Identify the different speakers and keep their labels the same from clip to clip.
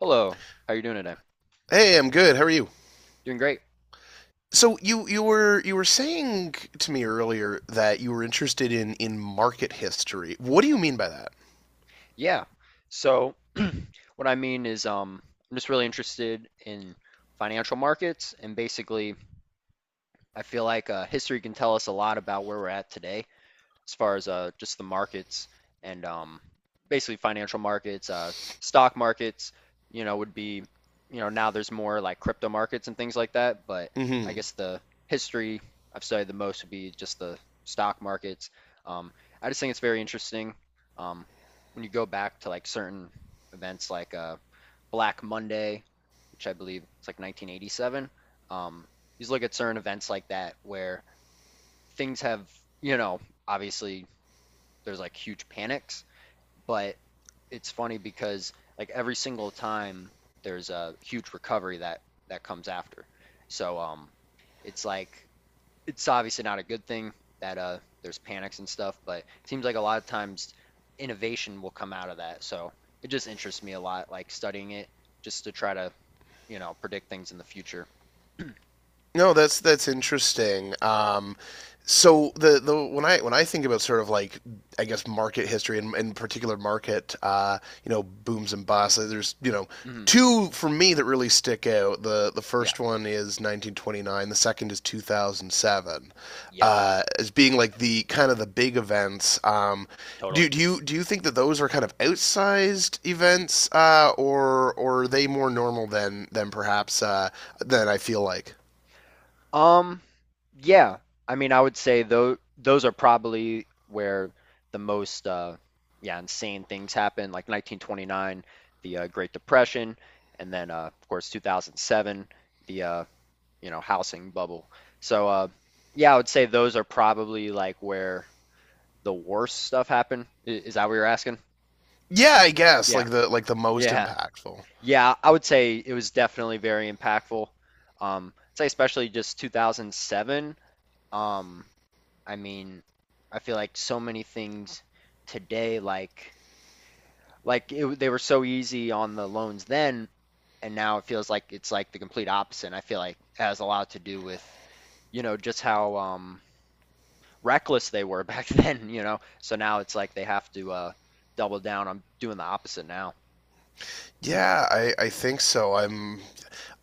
Speaker 1: Hello, how you doing today?
Speaker 2: Hey, I'm good. How are you?
Speaker 1: Doing great.
Speaker 2: So you were saying to me earlier that you were interested in market history. What do you mean by that?
Speaker 1: Yeah. So what I mean is I'm just really interested in financial markets, and basically I feel like history can tell us a lot about where we're at today as far as just the markets. And Basically financial markets, stock markets, you know, would be, you know, now there's more like crypto markets and things like that. But I
Speaker 2: Hmm.
Speaker 1: guess the history I've studied the most would be just the stock markets. Um, I just think it's very interesting um, when you go back to like certain events like Black Monday, which I believe it's like 1987. Um, you just look at certain events like that where things have, you know, obviously there's like huge panics, but it's funny because like every single time there's a huge recovery that comes after. So it's like it's obviously not a good thing that there's panics and stuff, but it seems like a lot of times innovation will come out of that. So it just interests me a lot like studying it just to try to, you know, predict things in the future.
Speaker 2: No, that's interesting. So the when I think about sort of like, I guess, market history, and in particular market, you know, booms and busts, there's you know
Speaker 1: Hmm
Speaker 2: two for me that really stick out. The
Speaker 1: Yeah.
Speaker 2: first one is 1929. The second is 2007,
Speaker 1: Yep.
Speaker 2: as being like the kind of the big events. Um, do
Speaker 1: Totally.
Speaker 2: do you do you think that those are kind of outsized events, or are they more normal than perhaps than I feel like?
Speaker 1: Um, yeah. I mean, I would say though those are probably where the most yeah, insane things happen, like 1929, the Great Depression, and then of course 2007, the you know, housing bubble. So yeah, I would say those are probably like where the worst stuff happened. I- Is that what you're asking?
Speaker 2: Yeah, I guess
Speaker 1: Yeah.
Speaker 2: like the most
Speaker 1: Yeah.
Speaker 2: impactful.
Speaker 1: Yeah, I would say it was definitely very impactful. I'd say especially just 2007. Um, I mean, I feel like so many things today, like they were so easy on the loans then, and now it feels like it's like the complete opposite. And I feel like it has a lot to do with, you know, just how reckless they were back then, you know. So now it's like they have to double down I'm doing the opposite now.
Speaker 2: Yeah, I think so. I'm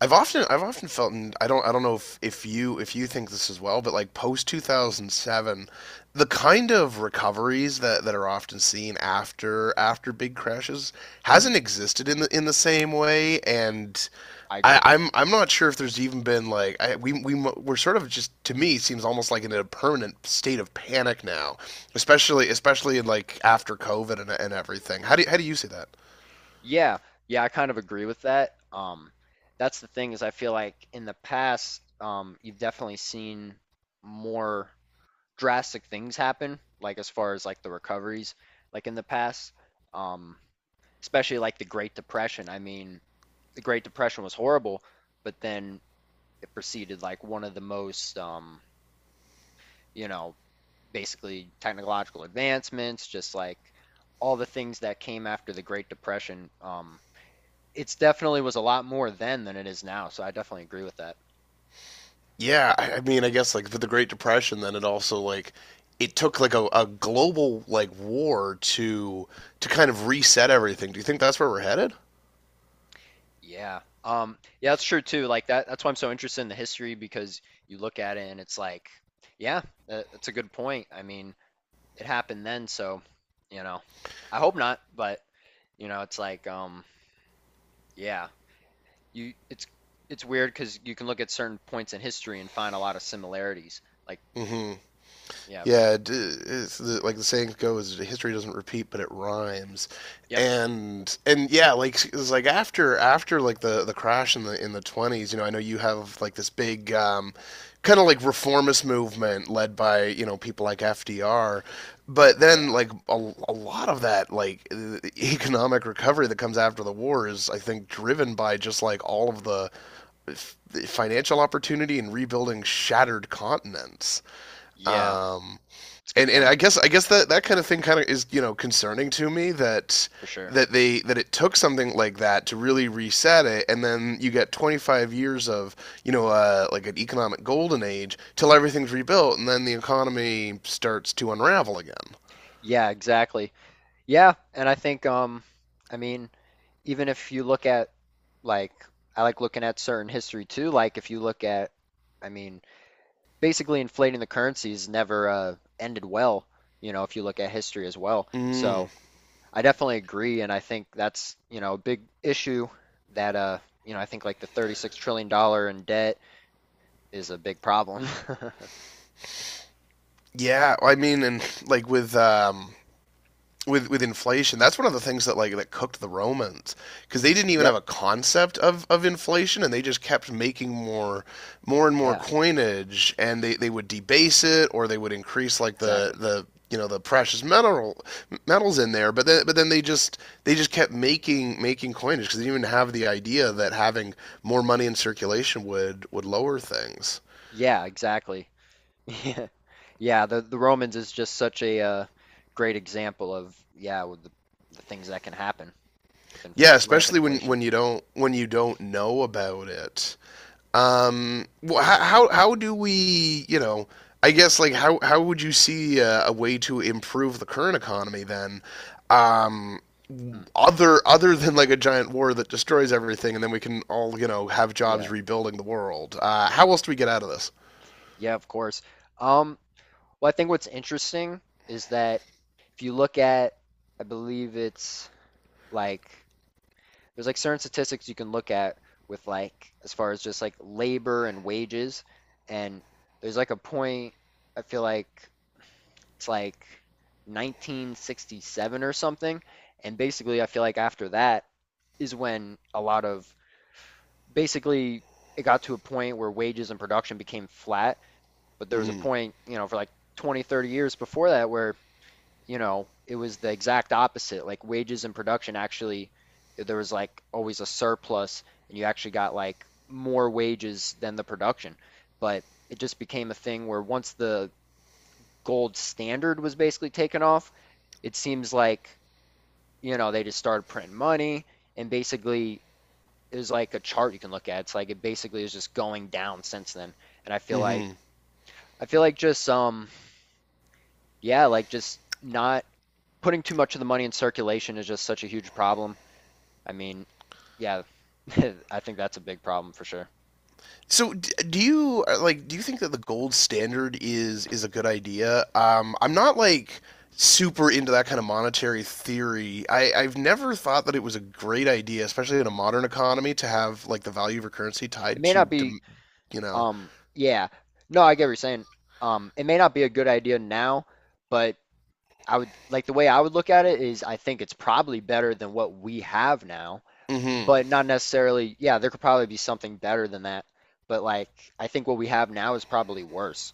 Speaker 2: I've often I've often felt, and I don't know if you think this as well, but like post 2007, the kind of recoveries that, that are often seen after, after big crashes hasn't existed in the same way. And
Speaker 1: I
Speaker 2: I,
Speaker 1: agree.
Speaker 2: I'm I'm not sure if there's even been like I, we mo- we're sort of, just to me, seems almost like in a permanent state of panic now, especially in like after COVID, and everything. How do you see that?
Speaker 1: Yeah, yeah, I kind of agree with that. That's the thing is I feel like in the past, you've definitely seen more drastic things happen, like as far as like the recoveries, like in the past, um, especially like the Great Depression. I mean, the Great Depression was horrible, but then it preceded like one of the most, you know, basically technological advancements, just like all the things that came after the Great Depression. It's definitely was a lot more then than it is now, so I definitely agree with that.
Speaker 2: Yeah, I mean, I guess like with the Great Depression, then it also like it took like a global like war to kind of reset everything. Do you think that's where we're headed?
Speaker 1: Yeah. Yeah, that's true too. That's why I'm so interested in the history because you look at it and it's like, yeah, that's a good point. I mean, it happened then, so, you know, I hope not, but you know, it's like, yeah, you, it's, it's weird because you can look at certain points in history and find a lot of similarities. Like, yeah, for sure.
Speaker 2: Yeah, it's the, like the saying goes, history doesn't repeat, but it rhymes.
Speaker 1: Yep.
Speaker 2: And yeah, like it was like after, after like the crash in the 20s, you know, I know you have like this big kind of like reformist movement led by, you know, people like FDR. But then
Speaker 1: Yeah.
Speaker 2: like a lot of that like economic recovery that comes after the war is, I think, driven by just like all of the f- financial opportunity and rebuilding shattered continents.
Speaker 1: Yeah.
Speaker 2: Um
Speaker 1: It's a
Speaker 2: and
Speaker 1: good
Speaker 2: and
Speaker 1: point
Speaker 2: I guess I guess that that kind of thing kind of is, you know, concerning to me that
Speaker 1: for sure.
Speaker 2: that they that it took something like that to really reset it, and then you get 25 years of, you know, like an economic golden age till everything's rebuilt, and then the economy starts to unravel again.
Speaker 1: Yeah, exactly. Yeah, and I think, I mean. Even if you look at like I like looking at certain history too. Like if you look at, I mean, basically inflating the currencies never ended well. You know, if you look at history as well.
Speaker 2: Mm,
Speaker 1: So I definitely agree, and I think that's you know a big issue that you know I think like the 36 trillion dollars in debt is a big problem.
Speaker 2: yeah, I mean, and like with inflation, that's one of the things that like that cooked the romans because they didn't even
Speaker 1: Yep.
Speaker 2: have a concept of inflation, and they just kept making more, more and more
Speaker 1: Yeah.
Speaker 2: coinage, and they would debase it, or they would increase like the
Speaker 1: Exactly.
Speaker 2: the you know the precious metals in there, but then, but then they just kept making coinage because they didn't even have the idea that having more money in circulation would lower things,
Speaker 1: Yeah. Exactly. Yeah. Yeah, the Romans is just such a great example of yeah, with the things that can happen with inf
Speaker 2: yeah,
Speaker 1: rampant
Speaker 2: especially when
Speaker 1: inflation.
Speaker 2: when you don't, when you don't know about it. Um, how do we, you know, I guess like how would you see, a way to improve the current economy then? Um,
Speaker 1: Hmm.
Speaker 2: other other than like a giant war that destroys everything, and then we can all, you know, have jobs
Speaker 1: Yeah.
Speaker 2: rebuilding the world. How else do we get out of this?
Speaker 1: Yeah, of course. Um, well, I think what's interesting is that if you look at, I believe it's like there's like certain statistics you can look at with like as far as just like labor and wages, and there's like a point I feel like it's like 1967 or something. And basically, I feel like after that is when a lot of basically it got to a point where wages and production became flat. But there was a
Speaker 2: Hmm.
Speaker 1: point, you know, for like 20, 30 years before that where, you know, it was the exact opposite. Like wages and production actually, there was like always a surplus and you actually got like more wages than the production. But it just became a thing where once the gold standard was basically taken off, it seems like, you know, they just started printing money, and basically there's like a chart you can look at. It's like it basically is just going down since then. And I feel like
Speaker 2: Hmm.
Speaker 1: just yeah, like just not putting too much of the money in circulation is just such a huge problem. I mean, yeah, I think that's a big problem for sure.
Speaker 2: So do you, like do you think that the gold standard is a good idea? I'm not like super into that kind of monetary theory. I've never thought that it was a great idea, especially in a modern economy, to have like the value of a currency
Speaker 1: It
Speaker 2: tied
Speaker 1: may
Speaker 2: to,
Speaker 1: not be
Speaker 2: dem, you know.
Speaker 1: yeah. No, I get what you're saying. It may not be a good idea now, but I would like the way I would look at it is I think it's probably better than what we have now.
Speaker 2: Hmm.
Speaker 1: But not necessarily, yeah, there could probably be something better than that. But like, I think what we have now is probably worse.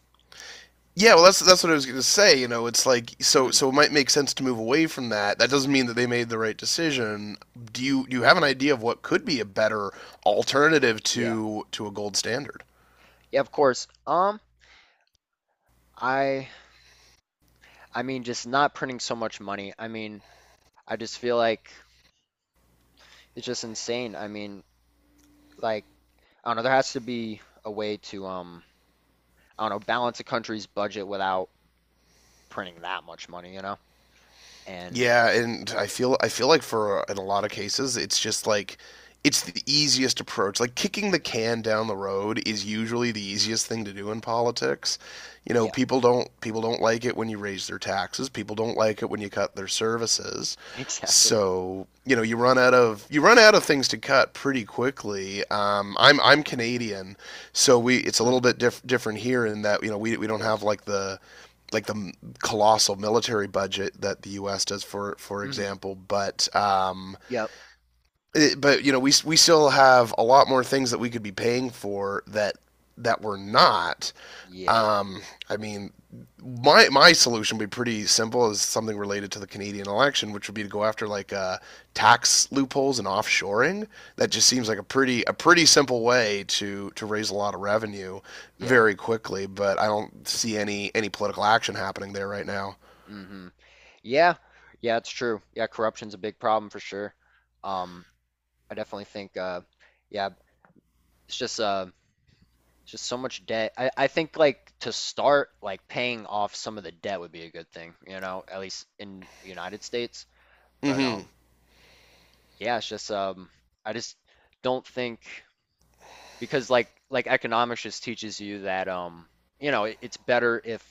Speaker 2: Yeah, well, that's what I was going to say. You know, it's like, so
Speaker 1: Mhm.
Speaker 2: so it might make sense to move away from that. That doesn't mean that they made the right decision. Do you have an
Speaker 1: Right.
Speaker 2: idea of what could be a better alternative
Speaker 1: Yeah.
Speaker 2: to a gold standard?
Speaker 1: Yeah, of course. I I mean just not printing so much money. I mean, I just feel like it's just insane. I mean, like, I don't know, there has to be a way to I don't know, balance a country's budget without printing that much money, you know? And
Speaker 2: Yeah, and I feel like for, in a lot of cases it's just like it's the easiest approach. Like kicking the can down the road is usually the easiest thing to do in politics. You know,
Speaker 1: yeah,
Speaker 2: people don't like it when you raise their taxes. People don't like it when you cut their services.
Speaker 1: exactly.
Speaker 2: So, you know, you run out of things to cut pretty quickly. I'm Canadian, so we, it's a little bit different here in that, you know, we
Speaker 1: Of
Speaker 2: don't have
Speaker 1: course.
Speaker 2: like the colossal military budget that the U.S. does, for
Speaker 1: Hmm
Speaker 2: example. But
Speaker 1: Yep.
Speaker 2: it, but you know, we still have a lot more things that we could be paying for that that we're not.
Speaker 1: Yeah.
Speaker 2: Um, I mean, my solution would be pretty simple, is something related to the Canadian election, which would be to go after like, tax loopholes and offshoring. That just seems like a pretty simple way to raise a lot of revenue
Speaker 1: Yeah.
Speaker 2: very quickly. But I don't see any political action happening there right now.
Speaker 1: hmm Yeah, yeah, it's true. Yeah, corruption's a big problem for sure. Um, I definitely think, yeah, it's just, uh, it's just so much debt. I think like to start, like paying off some of the debt would be a good thing, you know, at least in the United States. But
Speaker 2: Hmm.
Speaker 1: yeah, it's just, I just don't think. Because like economics just teaches you that you know it's better if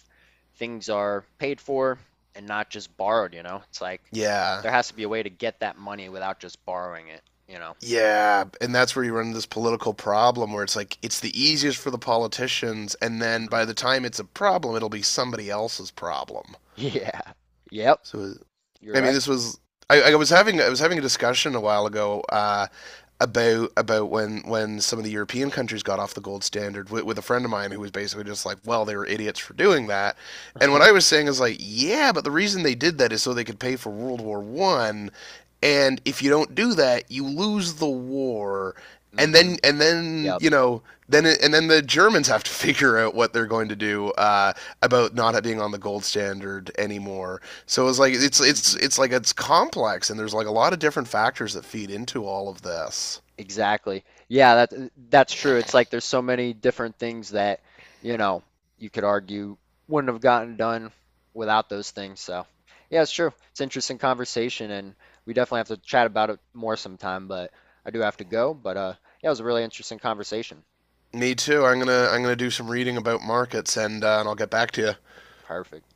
Speaker 1: things are paid for and not just borrowed, you know it's like
Speaker 2: Yeah.
Speaker 1: there has to be a way to get that money without just borrowing it, you know.
Speaker 2: Yeah, and that's where you run into this political problem, where it's like it's the easiest for the politicians, and then
Speaker 1: Hmm
Speaker 2: by the time it's a problem, it'll be somebody else's problem.
Speaker 1: Yeah. Yep.
Speaker 2: So,
Speaker 1: You're
Speaker 2: I mean,
Speaker 1: right.
Speaker 2: this was, I was having, I was having a discussion a while ago, about when some of the European countries got off the gold standard, with a friend of mine, who was basically just like, well, they were idiots for doing that. And what I was saying is like, yeah, but the reason they did that is so they could pay for World War One, and if you don't do that, you lose the war. And
Speaker 1: hmm
Speaker 2: then,
Speaker 1: yep.
Speaker 2: you know, then the Germans have to figure out what they're going to do, about not being on the gold standard anymore. So it's like, it's it's
Speaker 1: hmm
Speaker 2: it's like it's complex, and there's like a lot of different factors that feed into all of this.
Speaker 1: Exactly. Yeah, that that's true. It's like there's so many different things that, you know, you could argue wouldn't have gotten done without those things. So, yeah, it's true. It's an interesting conversation, and we definitely have to chat about it more sometime, but I do have to go. But yeah, it was a really interesting conversation.
Speaker 2: Me too. I'm gonna do some reading about markets, and, and I'll get back to you.
Speaker 1: Perfect.